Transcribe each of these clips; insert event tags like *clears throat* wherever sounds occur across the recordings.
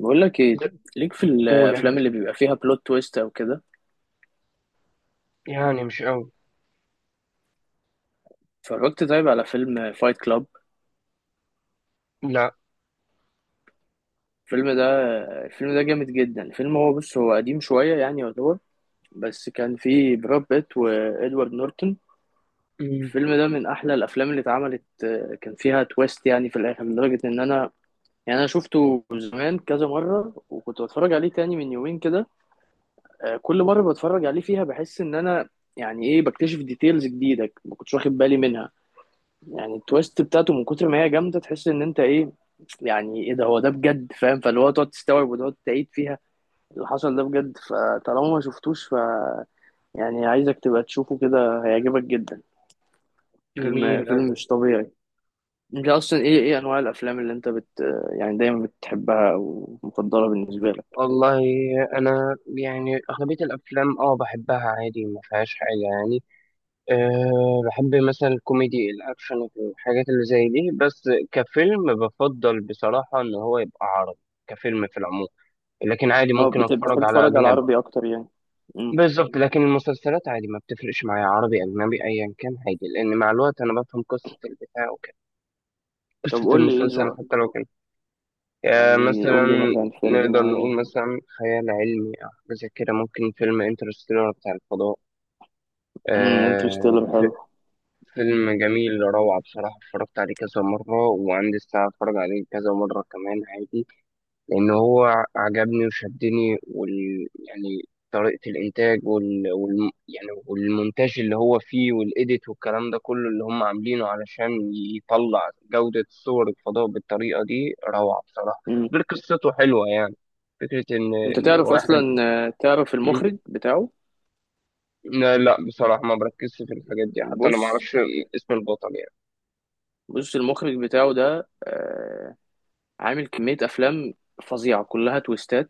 بقول لك ايه، لا، ليك في قول يا الافلام اللي حبيبي. بيبقى فيها بلوت تويست او كده. يعني مش قوي. اتفرجت طيب على فيلم فايت كلاب؟ لا. الفيلم ده، الفيلم ده جامد جدا. الفيلم هو، بص هو قديم شويه يعتبر، بس كان فيه براد بيت وادوارد نورتون. مم. الفيلم ده من احلى الافلام اللي اتعملت. كان فيها تويست يعني في الاخر لدرجه ان انا، يعني انا شفته زمان كذا مره وكنت بتفرج عليه تاني من يومين كده. كل مره بتفرج عليه فيها بحس ان انا، يعني ايه، بكتشف ديتيلز جديده ما كنتش واخد بالي منها. يعني التويست بتاعته من كتر ما هي جامده تحس ان انت ايه، يعني ايه ده، هو ده بجد فاهم، فاللي هو تقعد تستوعب وتقعد تعيد فيها اللي حصل ده بجد. فطالما ما شفتوش ف يعني عايزك تبقى تشوفه، كده هيعجبك جدا. جميل فيلم، فيلم قوي. مش طبيعي. انت اصلا ايه، ايه انواع الافلام اللي انت بت يعني دايما بتحبها او مفضله بالنسبه لك؟ والله انا يعني اغلبيه الافلام اه بحبها عادي، ما فيهاش حاجه يعني. أه، بحب مثلا الكوميدي الاكشن، الحاجات اللي زي دي. بس كفيلم بفضل بصراحه ان هو يبقى عربي، كفيلم في العموم، لكن عادي اه ممكن اتفرج بتحب على تتفرج على اجنبي. العربي اكتر يعني؟ امم بالظبط، لكن المسلسلات عادي ما بتفرقش معايا عربي اجنبي ايا كان عادي، لان مع الوقت انا بفهم قصه البتاع وكده، طب قصه قول لي ايه المسلسل حتى ذوقك؟ لو كان يعني مثلا. قول لي مثلا فيلم نقدر معين. نقول مثلا خيال علمي أو حاجة زي كده، ممكن فيلم انترستيلر بتاع الفضاء. آه، انترستيلر ف- حلو. فيلم جميل، روعة بصراحة. اتفرجت عليه كذا مرة وعندي الساعة اتفرج عليه كذا مرة كمان عادي، لأن هو عجبني وشدني، وال يعني طريقة الإنتاج يعني والمونتاج اللي هو فيه والإيديت والكلام ده كله اللي هم عاملينه علشان يطلع جودة صور الفضاء بالطريقة دي، روعة بصراحة. غير قصته حلوة يعني، فكرة إن انت إن تعرف واحد. اصلا، تعرف مم. المخرج بتاعه؟ لا، بصراحة ما بركزش في الحاجات دي، حتى أنا ما بص، أعرفش اسم البطل يعني. بص المخرج بتاعه ده عامل كمية افلام فظيعة كلها تويستات.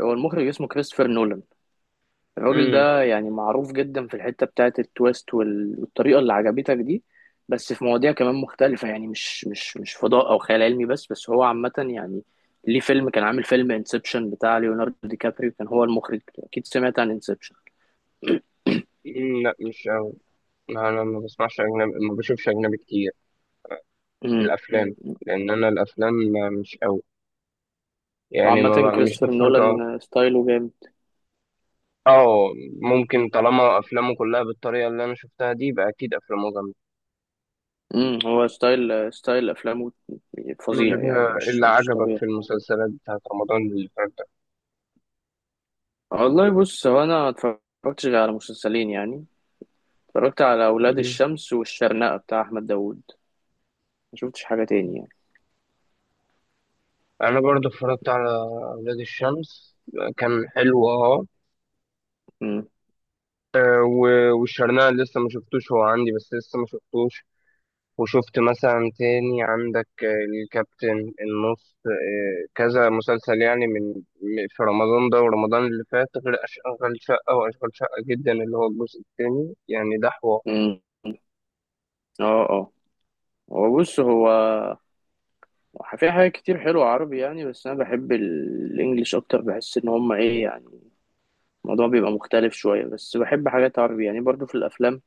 هو المخرج اسمه كريستوفر نولان. الراجل مم. ده يعني معروف جدا في الحتة بتاعة التويست والطريقة اللي عجبتك دي. بس في مواضيع كمان مختلفة يعني مش فضاء او خيال علمي بس، هو عامة يعني ليه فيلم كان عامل فيلم انسبشن بتاع ليوناردو دي كابريو، كان هو المخرج. اكيد سمعت عن انسبشن. مم، لا مش أوي. لا، أنا ما بسمعش أجنبي، ما بشوفش أجنبي كتير في امم الافلام، لان انا الافلام مش قوي يعني، ما وعامة ب- مش كريستوفر بتفرج نولان أوي. ستايله جامد. اه، ممكن. طالما افلامه كلها بالطريقه اللي انا شفتها دي، يبقى اكيد افلامه جامده. هو ستايل، ستايل افلامه فظيع يعني مش اللي مش عجبك طبيعي. في المسلسلات بتاعت رمضان اللي فات ده؟ والله بص، هو انا ما اتفرجتش غير على مسلسلين يعني. اتفرجت على اولاد الشمس والشرنقة بتاع احمد داوود، ما شفتش حاجة تاني يعني. انا برضه اتفرجت على اولاد الشمس، كان حلو اه. امم والشرنقة لسه ما شفتوش، هو عندي بس لسه ما شفتوش. وشفت مثلا تاني عندك الكابتن النص، كذا مسلسل يعني من في رمضان ده ورمضان اللي فات، غير أشغال شقة وأشغال شقة جدا اللي هو الجزء التاني يعني، ده حوار. امم اه اه. هو بص، هو في حاجات كتير حلوة عربي يعني، بس انا بحب الانجليش اكتر. بحس ان هما ايه يعني، الموضوع بيبقى مختلف شوية. بس بحب حاجات عربي يعني برضو في الافلام.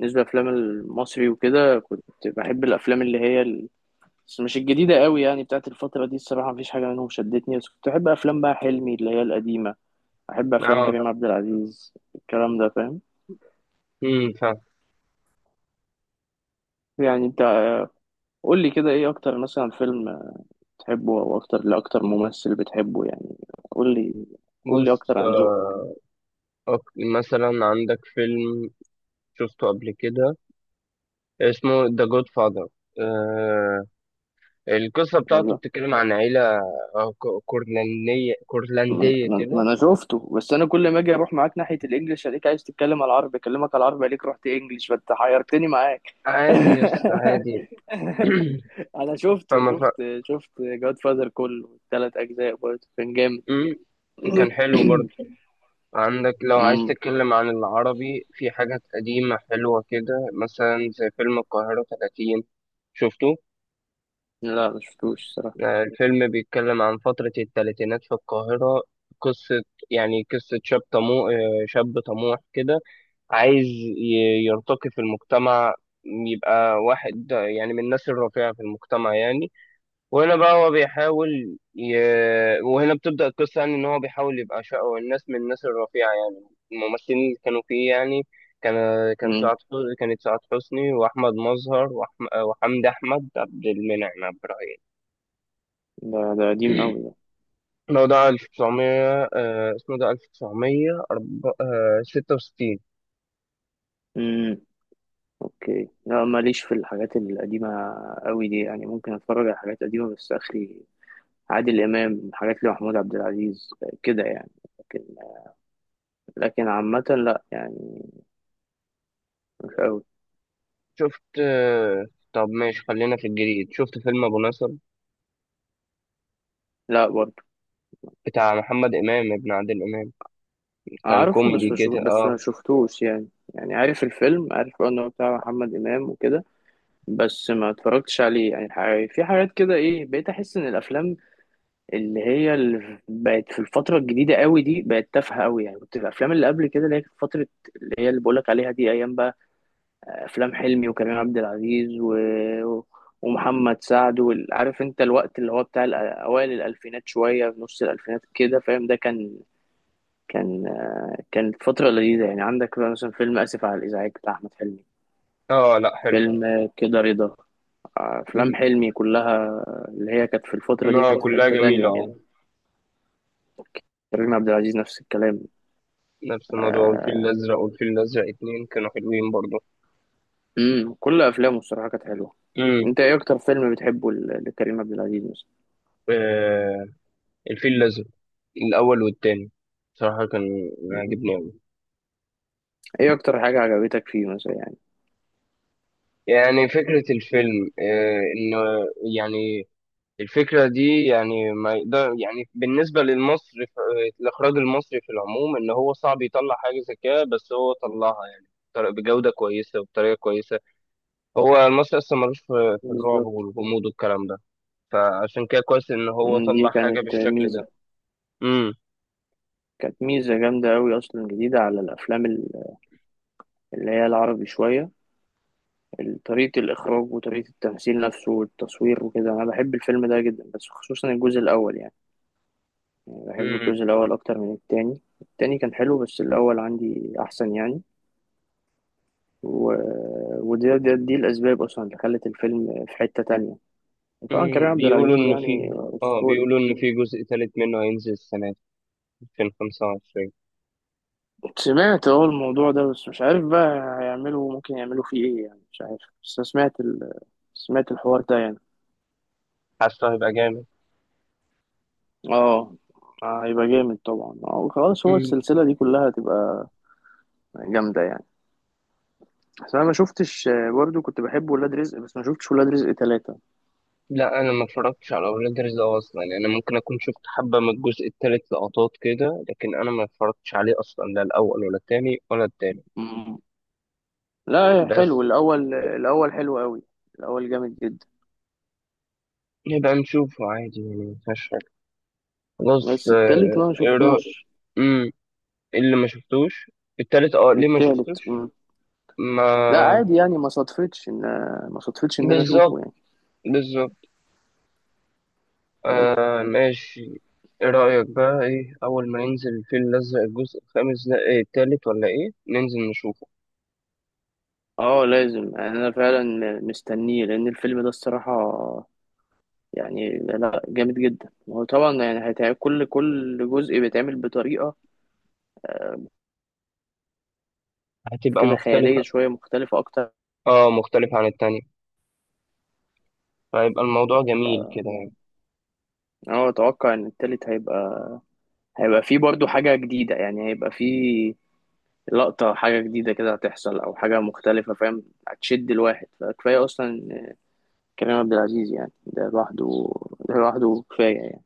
بالنسبة للافلام المصري وكده كنت بحب الافلام اللي هي، بس مش الجديدة قوي يعني بتاعت الفترة دي. الصراحة مفيش حاجة منهم شدتني، بس كنت أحب أفلام بقى حلمي اللي هي القديمة. أحب أفلام اه. كريم عبد العزيز، الكلام ده فاهم؟ امم، فاهم. يعني أنت، قول لي كده إيه أكتر مثلا فيلم بتحبه، أو أكتر ممثل بتحبه يعني. قول لي، قول لي بص، أكتر عن ذوقك. أك- مثلا عندك فيلم شفته قبل كده اسمه ذا جود فاذر. آه، القصة بتاعته والله. بتتكلم عن عيلة كورلندية، ما كورلندية ما- ما كده. أنا شفته، بس أنا كل ما أجي أروح معاك ناحية الإنجليش ألاقيك عايز تتكلم على العربي، أكلمك على العربي ألاقيك رحت إنجليش، فأنت حيرتني معاك. عادي، يس *laughs* عادي. *clears throat* انا شفته، فما. شفت جاد فاذر كله، التلات اجزاء برضه كان جامد. امم. كان *coughs* حلو برضه. عندك لو *clears throat* عايز مم. تتكلم عن العربي، في حاجات قديمة حلوة كده مثلا زي فيلم القاهرة 30. شفته؟ لا ما شفتوش الصراحه. آه، الفيلم بيتكلم عن فترة الثلاثينات في القاهرة. قصة، يعني قصة شاب طموح، شاب طموح كده، عايز يرتقي في المجتمع، يبقى واحد يعني من الناس الرفيعة في المجتمع يعني. وهنا بقى هو وهنا بتبدأ القصة يعني، إن هو بيحاول يبقى شقه الناس من الناس الرفيعة يعني. الممثلين اللي كانوا فيه يعني، كان كان مم. سعاد حسني، كانت سعاد حسني وأحمد مظهر وحمدي أحمد، عبد المنعم عبد الرحيم. ده، ده قديم قوي *clears throat* ده. الموضوع 1900، اسمه ده 1966. مم. اوكي لا، ماليش في الحاجات القديمه قوي دي يعني. ممكن اتفرج على حاجات قديمه بس اخري، عادل امام، حاجات لمحمود عبد العزيز، كده يعني. لكن، لكن عامه لا يعني، مش قوي. شفت آه، طب ماشي، خلينا في الجديد. شفت فيلم أبو نصر لا برضه. بتاع محمد إمام ابن عادل إمام؟ كان اعرفه بس كوميدي مش كده بس ما اه. شفتوش يعني. يعني عارف الفيلم، عارف انه بتاع محمد امام وكده، بس ما اتفرجتش عليه يعني. في حاجات كده ايه، بقيت احس ان الافلام اللي هي اللي بقت في الفتره الجديده قوي دي بقت تافهه قوي يعني. كنت الافلام اللي قبل كده اللي هي كانت فتره، اللي هي اللي بقولك عليها دي، ايام بقى افلام حلمي وكريم عبد العزيز و ومحمد سعد عارف انت الوقت اللي هو بتاع اوائل الالفينات شويه في نص الالفينات كده، فاهم؟ ده كان، كان كانت فتره لذيذه يعني. عندك بقى مثلا فيلم اسف على الازعاج بتاع احمد حلمي، اه، لا حلو. فيلم كده رضا. افلام حلمي كلها اللي هي كانت في الفتره دي لا، كانت في كلها حته تانية جميلة يعني. اه. كريم عبد العزيز نفس الكلام. نفس الموضوع. والفيل الأزرق والفيل الأزرق اتنين كانوا حلوين برضه. كل افلامه الصراحه كانت حلوه. امم. انت ايه اكتر فيلم بتحبه لكريم عبد العزيز مثلا؟ آه، الفيل الأزرق الأول والتاني بصراحة كان مم. عاجبني أوي. ايه اكتر حاجه عجبتك فيه مثلا يعني؟ يعني فكرة الفيلم آه إن يعني، الفكرة دي يعني ما يقدر يعني بالنسبة للمصري، الإخراج المصري في العموم، إن هو صعب يطلع حاجة زي كده، بس هو طلعها يعني بجودة كويسة وبطريقة كويسة. هو المصري أصلا ملوش في الرعب بالظبط. والغموض والكلام ده، فعشان كده كويس ان هو مم، دي طلع حاجة كانت بالشكل ميزه، ده. امم. كانت ميزه جامده قوي اصلا، جديده على الافلام اللي هي العربي شويه. طريقه الاخراج وطريقه التمثيل نفسه والتصوير وكده، انا بحب الفيلم ده جدا بس خصوصا الجزء الاول يعني. بحب امم. الجزء الأول أكتر من التاني، التاني كان حلو بس الأول عندي أحسن يعني. و ودي، دي الأسباب أصلا اللي خلت الفيلم في حتة تانية. وطبعا كريم امم، عبد بيقولوا العزيز ان يعني في، اه أسطوري. بيقولوا ان في جزء تالت منه هينزل السنة دي، 2025. سمعت أهو الموضوع ده، بس مش عارف بقى هيعملوا، ممكن يعملوا فيه إيه يعني، مش عارف، بس أنا سمعت ال سمعت الحوار ده يعني. حاسه هيبقى جامد. اه، هيبقى جامد طبعا. اه خلاص، هو امم. السلسلة دي كلها هتبقى جامدة يعني. بس أنا ما شفتش. برضو كنت بحب ولاد رزق، بس ما شفتش ولاد رزق ثلاثة. لا، انا ما اتفرجتش على اولاد رزق اصلا يعني. انا ممكن اكون شفت حبة من الجزء التالت لقطات كده، لكن انا ما اتفرجتش عليه اصلا، لا الاول ولا التاني ولا التالت. لا حلو بس الاول، الاول حلو قوي، الاول جامد جدا. نبقى نشوفه عادي يعني، مفيهاش حاجة. خلاص بس التالت آه، بقى ما ايه رأيك؟ شفتوش. امم. اللي ما شفتوش التالت اه، ليه ما التالت شفتوش؟ مم. لا ما، عادي يعني، ما صدفتش ان، ما صدفتش ان انا اشوفه بالظبط. يعني بالظبط. بس. آه، ماشي. ايه رأيك بقى، ايه اول ما ينزل الفيل الازرق الجزء الخامس ده، ايه التالت ولا ايه، ننزل نشوفه؟ اه لازم يعني انا فعلا مستنيه، لان الفيلم ده الصراحه يعني لا، جامد جدا. هو طبعا يعني هيتعمل، كل جزء بيتعمل بطريقه هتبقى كده خياليه مختلفة. شويه مختلفه اكتر. اه، مختلفة عن التانية، فهيبقى الموضوع جميل كده يعني. اه اتوقع ان التالت هيبقى، هيبقى فيه برضو حاجه جديده يعني، هيبقى فيه لقطة، حاجة جديدة كده هتحصل أو حاجة مختلفة، فاهم؟ هتشد الواحد. فكفاية أصلا كريم عبد العزيز يعني، ده لوحده، ده لوحده كفاية يعني.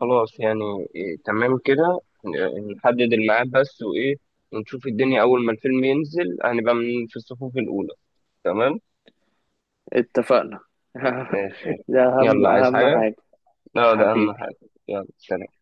خلاص يعني. إيه تمام كده، نحدد الميعاد بس، وايه ونشوف الدنيا. اول ما الفيلم ينزل هنبقى من في الصفوف الاولى. تمام. اتفقنا. *laughs* ماشي. ده أهم، يلا، عايز أهم حاجة؟ حاجة. لا، ده اهم حبيبي. حاجة. يلا، سلام.